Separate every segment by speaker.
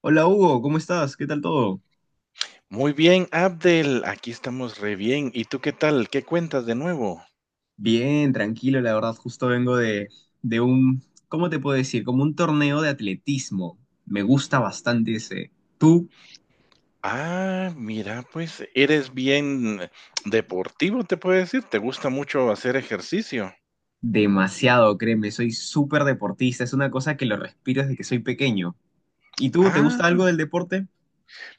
Speaker 1: Hola Hugo, ¿cómo estás? ¿Qué tal todo?
Speaker 2: Muy bien, Abdel, aquí estamos re bien. ¿Y tú qué tal? ¿Qué cuentas de nuevo?
Speaker 1: Bien, tranquilo, la verdad, justo vengo de un, ¿cómo te puedo decir? Como un torneo de atletismo. Me gusta bastante ese. Tú,
Speaker 2: Ah, mira, pues eres bien deportivo, te puedo decir. ¿Te gusta mucho hacer ejercicio?
Speaker 1: demasiado, créeme, soy súper deportista, es una cosa que lo respiro desde que soy pequeño. ¿Y tú, te
Speaker 2: Ah,
Speaker 1: gusta algo del deporte?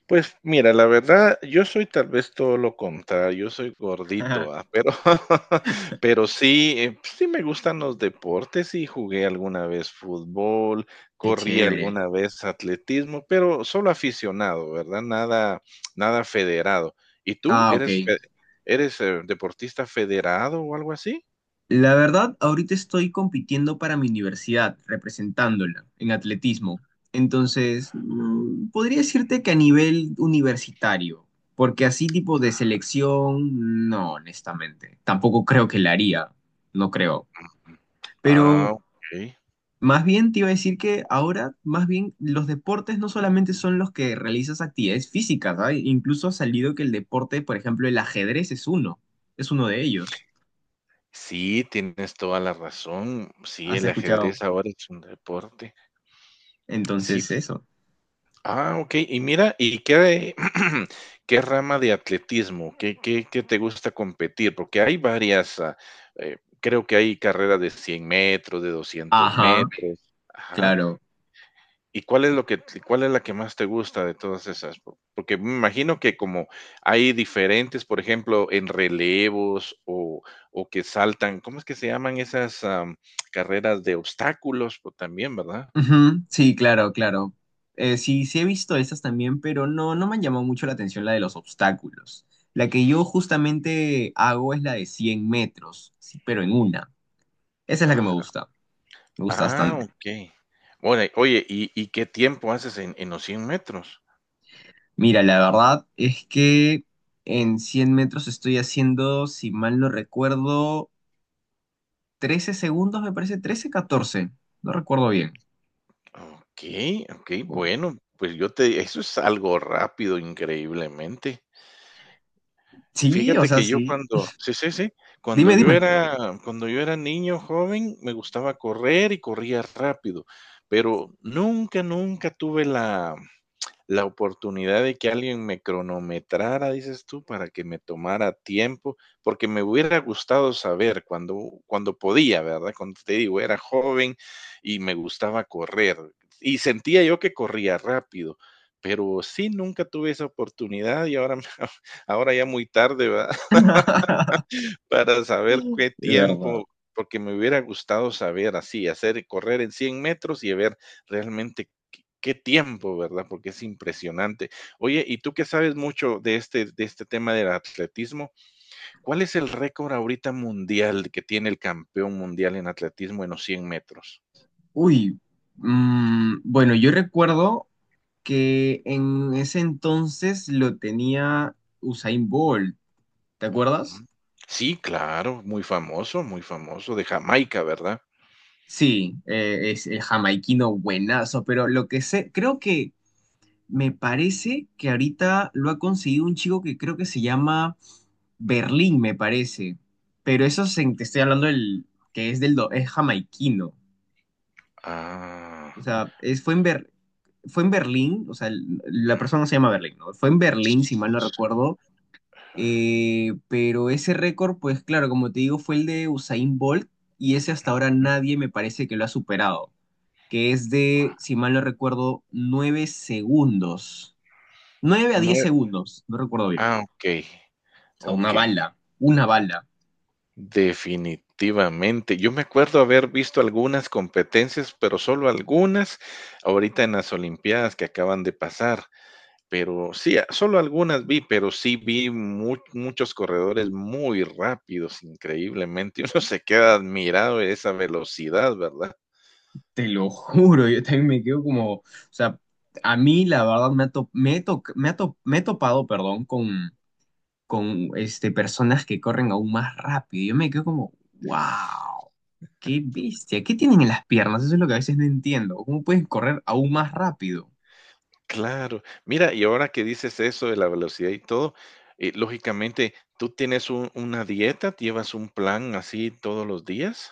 Speaker 2: pues mira, la verdad, yo soy tal vez todo lo contrario, yo soy gordito, ¿va? Pero, pero sí, pues sí me gustan los deportes y jugué alguna vez fútbol,
Speaker 1: Qué
Speaker 2: corrí
Speaker 1: chévere.
Speaker 2: alguna vez atletismo, pero solo aficionado, ¿verdad? Nada, nada federado. ¿Y tú
Speaker 1: Ah, ok.
Speaker 2: eres deportista federado o algo así?
Speaker 1: La verdad, ahorita estoy compitiendo para mi universidad, representándola en atletismo. Entonces, podría decirte que a nivel universitario, porque así tipo de selección, no, honestamente. Tampoco creo que la haría, no creo.
Speaker 2: Ah,
Speaker 1: Pero
Speaker 2: ok.
Speaker 1: más bien te iba a decir que ahora, más bien, los deportes no solamente son los que realizas actividades físicas, ¿ah? Incluso ha salido que el deporte, por ejemplo, el ajedrez es uno de ellos.
Speaker 2: Sí, tienes toda la razón. Sí,
Speaker 1: ¿Has
Speaker 2: el
Speaker 1: escuchado?
Speaker 2: ajedrez ahora es un deporte. Sí.
Speaker 1: Entonces, eso.
Speaker 2: Ah, okey. Y mira, ¿y qué qué rama de atletismo? ¿Qué te gusta competir? Porque hay varias, creo que hay carreras de 100 metros, de doscientos
Speaker 1: Ajá,
Speaker 2: metros. Ajá.
Speaker 1: claro.
Speaker 2: ¿Y cuál es la que más te gusta de todas esas? Po porque me imagino que como hay diferentes, por ejemplo, en relevos o que saltan, ¿cómo es que se llaman esas, carreras de obstáculos? Pues, también, ¿verdad?
Speaker 1: Ujú, sí, claro, claro. Sí, sí he visto estas también, pero no, no me han llamado mucho la atención la de los obstáculos. La que yo justamente hago es la de 100 metros, sí, pero en una. Esa es la que
Speaker 2: Aj
Speaker 1: me gusta
Speaker 2: Ah,
Speaker 1: bastante.
Speaker 2: okey. Ora oye, ¿y qué tiempo haces en los 100 metros?
Speaker 1: Mira, la verdad es que en 100 metros estoy haciendo, si mal no recuerdo, 13 segundos, me parece, 13, 14. No recuerdo bien.
Speaker 2: Okey, okey,
Speaker 1: Bueno,
Speaker 2: bueno, pues yo te eso es algo rápido, increíblemente. Y
Speaker 1: sí, o
Speaker 2: fíjate
Speaker 1: sea,
Speaker 2: que yo
Speaker 1: sí.
Speaker 2: cuando sí, sí, sí, cuando
Speaker 1: Dime,
Speaker 2: yo
Speaker 1: dime.
Speaker 2: era cuando yo era niño joven, me gustaba correr y corría rápido, pero nunca, nunca tuve la oportunidad de que alguien me cronometrara, dices tú, para que me tomara tiempo, porque me hubiera gustado saber cuando podía, ¿verdad? Cuando te digo, era joven y me gustaba correr y sentía yo que corría rápido, pero sí, nunca tuve esa oportunidad y ahora, ahora ya muy tarde, ¿verdad? Para saber qué
Speaker 1: De verdad.
Speaker 2: tiempo, porque me hubiera gustado saber así, hacer correr en 100 metros y ver realmente qué tiempo, ¿verdad? Porque es impresionante. Oye, y tú que sabes mucho de este tema del atletismo, ¿cuál es el récord ahorita mundial que tiene el campeón mundial en atletismo en los 100 metros?
Speaker 1: Uy, bueno, yo recuerdo que en ese entonces lo tenía Usain Bolt, ¿te acuerdas?
Speaker 2: Ujú. Sí, claro, muy famoso, de Jamaica, ¿verdad?
Speaker 1: Sí, es el jamaiquino buenazo, pero lo que sé, creo que me parece que ahorita lo ha conseguido un chico que creo que se llama Berlín, me parece, pero te estoy hablando del que es jamaiquino,
Speaker 2: Ah.
Speaker 1: o sea, es, fue en Ber- fue en Berlín, o sea, la persona no se llama Berlín, ¿no? Fue en
Speaker 2: s-
Speaker 1: Berlín, si mal no
Speaker 2: s-
Speaker 1: recuerdo.
Speaker 2: ah,
Speaker 1: Pero ese récord, pues claro, como te digo, fue el de Usain Bolt y ese hasta ahora
Speaker 2: Ujú.
Speaker 1: nadie me parece que lo ha superado, que es de, si mal no recuerdo, 9 segundos. nueve a
Speaker 2: No,
Speaker 1: diez segundos, no recuerdo bien.
Speaker 2: ah, okey,
Speaker 1: O sea, una
Speaker 2: okey.
Speaker 1: bala, una bala.
Speaker 2: Definitivamente. Yo me acuerdo haber visto algunas competencias, pero solo algunas, ahorita en las Olimpiadas que acaban de pasar, pero sí, solo algunas vi, pero sí vi muchos corredores muy rápidos, increíblemente. Uno se queda admirado de esa velocidad, ¿verdad?
Speaker 1: Te lo juro, yo también me quedo como, o sea, a mí la verdad me ha, to- me he to- me ha to- me he topado, perdón, con este, personas que corren aún más rápido. Yo me quedo como, wow. Qué bestia, ¿qué tienen en las piernas? Eso es lo que a veces no entiendo. ¿Cómo pueden correr aún más rápido?
Speaker 2: Claro. Mira, y ahora que dices eso de la velocidad y todo, lógicamente, ¿tú tienes una dieta? ¿Llevas un plan así todos los días?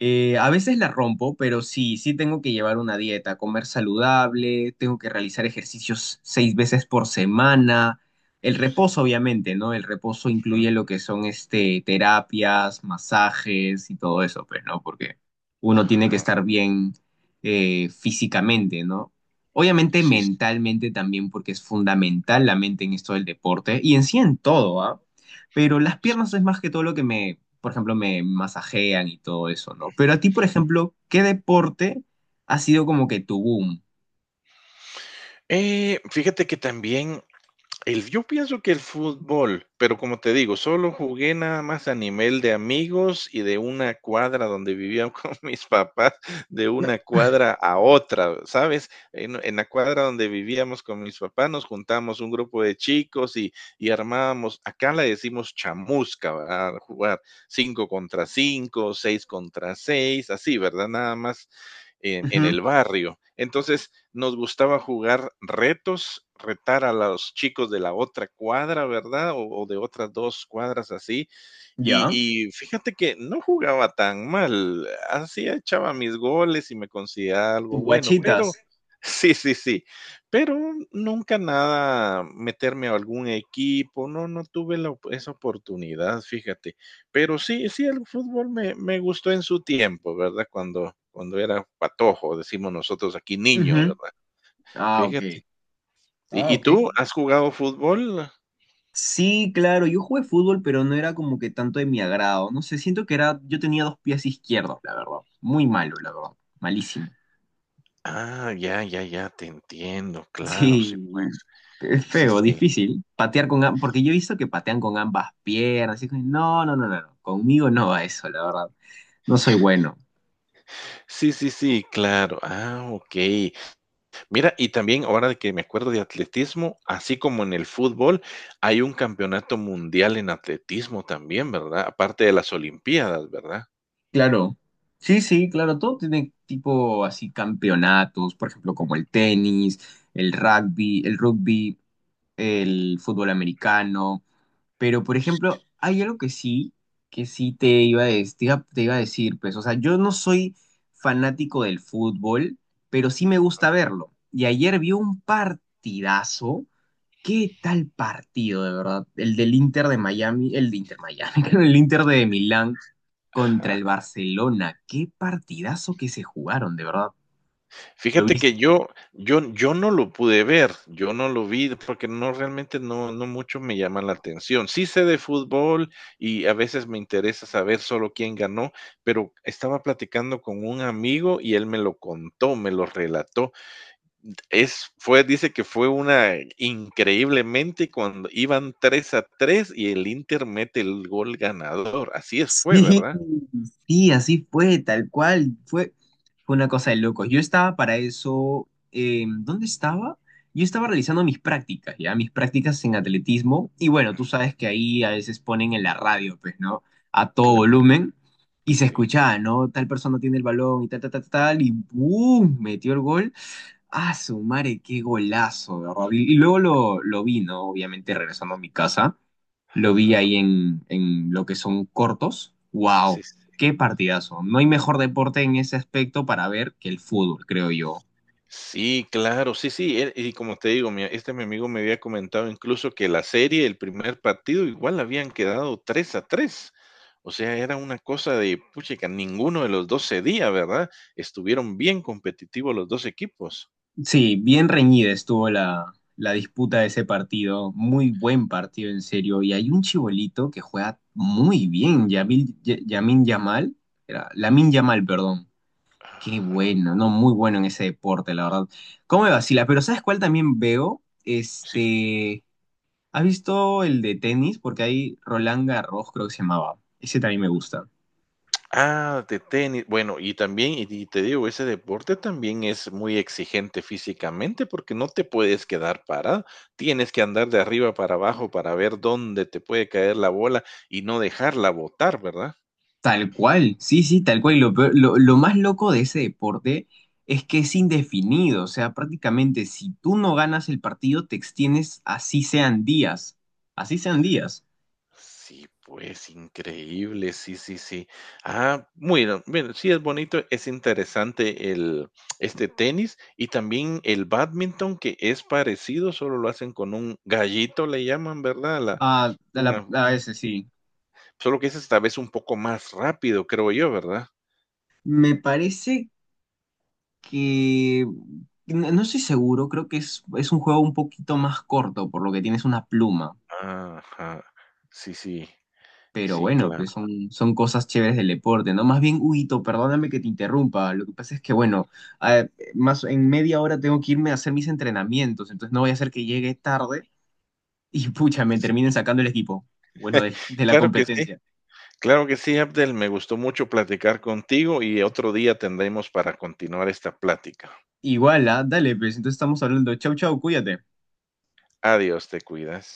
Speaker 1: A veces la rompo, pero sí, sí tengo que llevar una dieta, comer saludable, tengo que realizar ejercicios 6 veces por semana. El
Speaker 2: Sí,
Speaker 1: reposo, obviamente, ¿no? El reposo
Speaker 2: ujú,
Speaker 1: incluye lo que son este, terapias, masajes y todo eso, pues, ¿no? Porque uno tiene que
Speaker 2: ajá,
Speaker 1: estar bien físicamente, ¿no? Obviamente
Speaker 2: sí, sí,
Speaker 1: mentalmente también, porque es fundamental la mente en esto del deporte y en sí en todo, ¿ah? Pero las
Speaker 2: sí,
Speaker 1: piernas es
Speaker 2: sí,
Speaker 1: más que todo lo que me por ejemplo, me masajean y todo eso, ¿no? Pero
Speaker 2: ujú.
Speaker 1: a ti, por ejemplo, ¿qué deporte ha sido como que tu boom?
Speaker 2: Fíjate que también, yo pienso que el fútbol, pero como te digo, solo jugué nada más a nivel de amigos y de una cuadra donde vivían con mis papás, de una cuadra a otra, ¿sabes? En la cuadra donde vivíamos con mis papás nos juntamos un grupo de chicos y armábamos, acá le decimos chamusca, ¿verdad? Jugar cinco contra cinco, seis contra seis, así, ¿verdad? Nada más en
Speaker 1: Ujú,
Speaker 2: el barrio. Entonces, nos gustaba jugar retos, retar a los chicos de la otra cuadra, ¿verdad? O de otras dos cuadras así. Y,
Speaker 1: ¿ya?
Speaker 2: y fíjate que no jugaba tan mal, así echaba mis goles y me consideraba
Speaker 1: ¿Tus
Speaker 2: algo bueno, pero
Speaker 1: guachitas?
Speaker 2: sí, sí, sí, pero nunca nada meterme a algún equipo, no tuve la esa oportunidad, fíjate. Pero sí, sí, el fútbol me gustó en su tiempo, ¿verdad? Cuando era patojo, decimos nosotros aquí niño,
Speaker 1: Ujú.
Speaker 2: ¿verdad?
Speaker 1: Ah,
Speaker 2: Fíjate.
Speaker 1: ok. Ah,
Speaker 2: ¿Y
Speaker 1: ok.
Speaker 2: tú has jugado fútbol?
Speaker 1: Sí, claro, yo jugué fútbol, pero no era como que tanto de mi agrado. No sé, siento que era, yo tenía dos pies izquierdos, la verdad. Muy malo, la verdad. Malísimo.
Speaker 2: Ah, ya, ya, ya, te entiendo. Claro, sí,
Speaker 1: Sí,
Speaker 2: pues.
Speaker 1: es
Speaker 2: Sí,
Speaker 1: feo,
Speaker 2: sí.
Speaker 1: difícil. Patear porque yo he visto que patean con ambas piernas. Y es como, no, no, no, no, no. Conmigo no va eso, la verdad. No soy bueno.
Speaker 2: Sí, sí, sí, claro. Ah, okey. Mira, y también ahora que me acuerdo de atletismo, así como en el fútbol, hay un campeonato mundial en atletismo también, ¿verdad? Aparte de las olimpiadas, ¿verdad?
Speaker 1: Claro, sí, sí, claro, todo tiene tipo así campeonatos, por ejemplo, como el tenis, el rugby, el fútbol americano, pero por ejemplo, hay algo que sí te iba a, des- te iba a decir, pues, o sea, yo no soy fanático del fútbol, pero sí me gusta verlo. Y ayer vi un partidazo. ¿Qué tal partido, de verdad? El de Inter Miami, El Inter de Milán contra
Speaker 2: Ajá.
Speaker 1: el Barcelona. Qué partidazo que se jugaron, de verdad. ¿Lo
Speaker 2: Fíjate
Speaker 1: viste?
Speaker 2: que yo no lo pude ver, yo no lo vi, porque no, realmente no mucho me llama la atención. Sí sé de fútbol y a veces me interesa saber solo quién ganó, pero estaba platicando con un amigo y él me lo contó, me lo relató. Es fue Dice que fue una increíblemente cuando iban 3-3 y el Inter mete el gol ganador. Así es fue,
Speaker 1: Sí,
Speaker 2: ¿verdad?
Speaker 1: sí, así fue, tal cual, fue una cosa de locos. Yo estaba para eso, ¿dónde estaba? Yo estaba realizando mis prácticas, ya, mis prácticas en atletismo, y bueno, tú sabes que ahí a veces ponen en la radio, pues, ¿no? A todo
Speaker 2: Claro,
Speaker 1: volumen, y se
Speaker 2: sí.
Speaker 1: escuchaba, ¿no? Tal persona tiene el balón y tal, tal, tal, tal, y ¡boom! Metió el gol. ¡Ah, su madre, qué golazo! ¿De verdad? Y luego lo vi, ¿no? Obviamente regresando a mi casa lo vi
Speaker 2: Ajá.
Speaker 1: ahí en lo que son cortos. ¡Wow!
Speaker 2: Sí.
Speaker 1: ¡Qué partidazo! No hay mejor deporte en ese aspecto para ver que el fútbol, creo yo.
Speaker 2: Sí, claro, sí, sí, y como te digo, mi amigo me había comentado incluso que la serie, el primer partido, igual habían quedado 3-3. O sea, era una cosa de, puchica, ninguno de los 2 cedía, ¿verdad? Estuvieron bien competitivos los dos equipos.
Speaker 1: Sí, bien reñida estuvo la disputa de ese partido. Muy buen partido, en serio. Y hay un chibolito que juega muy bien, Yamil, Yamin Yamal. Era, Lamin Yamal, perdón. Qué
Speaker 2: Ajá.
Speaker 1: bueno, no, muy bueno en ese deporte, la verdad. ¿Cómo me vacila? Pero ¿sabes cuál también veo? Este, ¿has visto el de tenis? Porque hay Roland Garros, creo que se llamaba. Ese también me gusta.
Speaker 2: Ah, de tenis. Bueno, y también, y te digo, ese deporte también es muy exigente físicamente porque no te puedes quedar parado. Tienes que andar de arriba para abajo para ver dónde te puede caer la bola y no dejarla botar, ¿verdad?
Speaker 1: Tal cual, sí, sí, tal cual. Y lo más loco de ese deporte es que es indefinido. O sea, prácticamente si tú no ganas el partido, te extiendes así sean días. Así sean días.
Speaker 2: Sí, pues increíble, sí, sí, sí. Ah, muy bien, bueno, sí es bonito, es interesante el tenis y también el badminton que es parecido, solo lo hacen con un gallito, le llaman, ¿verdad? La,
Speaker 1: Ah,
Speaker 2: una
Speaker 1: a ese sí.
Speaker 2: Solo que es esta vez un poco más rápido, creo yo, ¿verdad?
Speaker 1: Me parece que. No, no estoy seguro, creo que es un juego un poquito más corto, por lo que tienes una pluma.
Speaker 2: Ajá. Sí, sí.
Speaker 1: Pero
Speaker 2: Sí,
Speaker 1: bueno,
Speaker 2: claro.
Speaker 1: pues son cosas chéveres del deporte, ¿no? Más bien, Huguito, perdóname que te interrumpa. Lo que pasa es que, bueno, a- más en media hora tengo que irme a hacer mis entrenamientos, entonces no voy a hacer que llegue tarde y pucha, me terminen sacando el equipo, bueno, de la
Speaker 2: Claro que sí.
Speaker 1: competencia.
Speaker 2: Claro que sí, Abdel. Me gustó mucho platicar contigo y otro día tendremos para continuar esta plática.
Speaker 1: Igual, ¿ah? Dale, pues entonces estamos hablando. Chau, chau, cuídate.
Speaker 2: Adiós, te cuidas.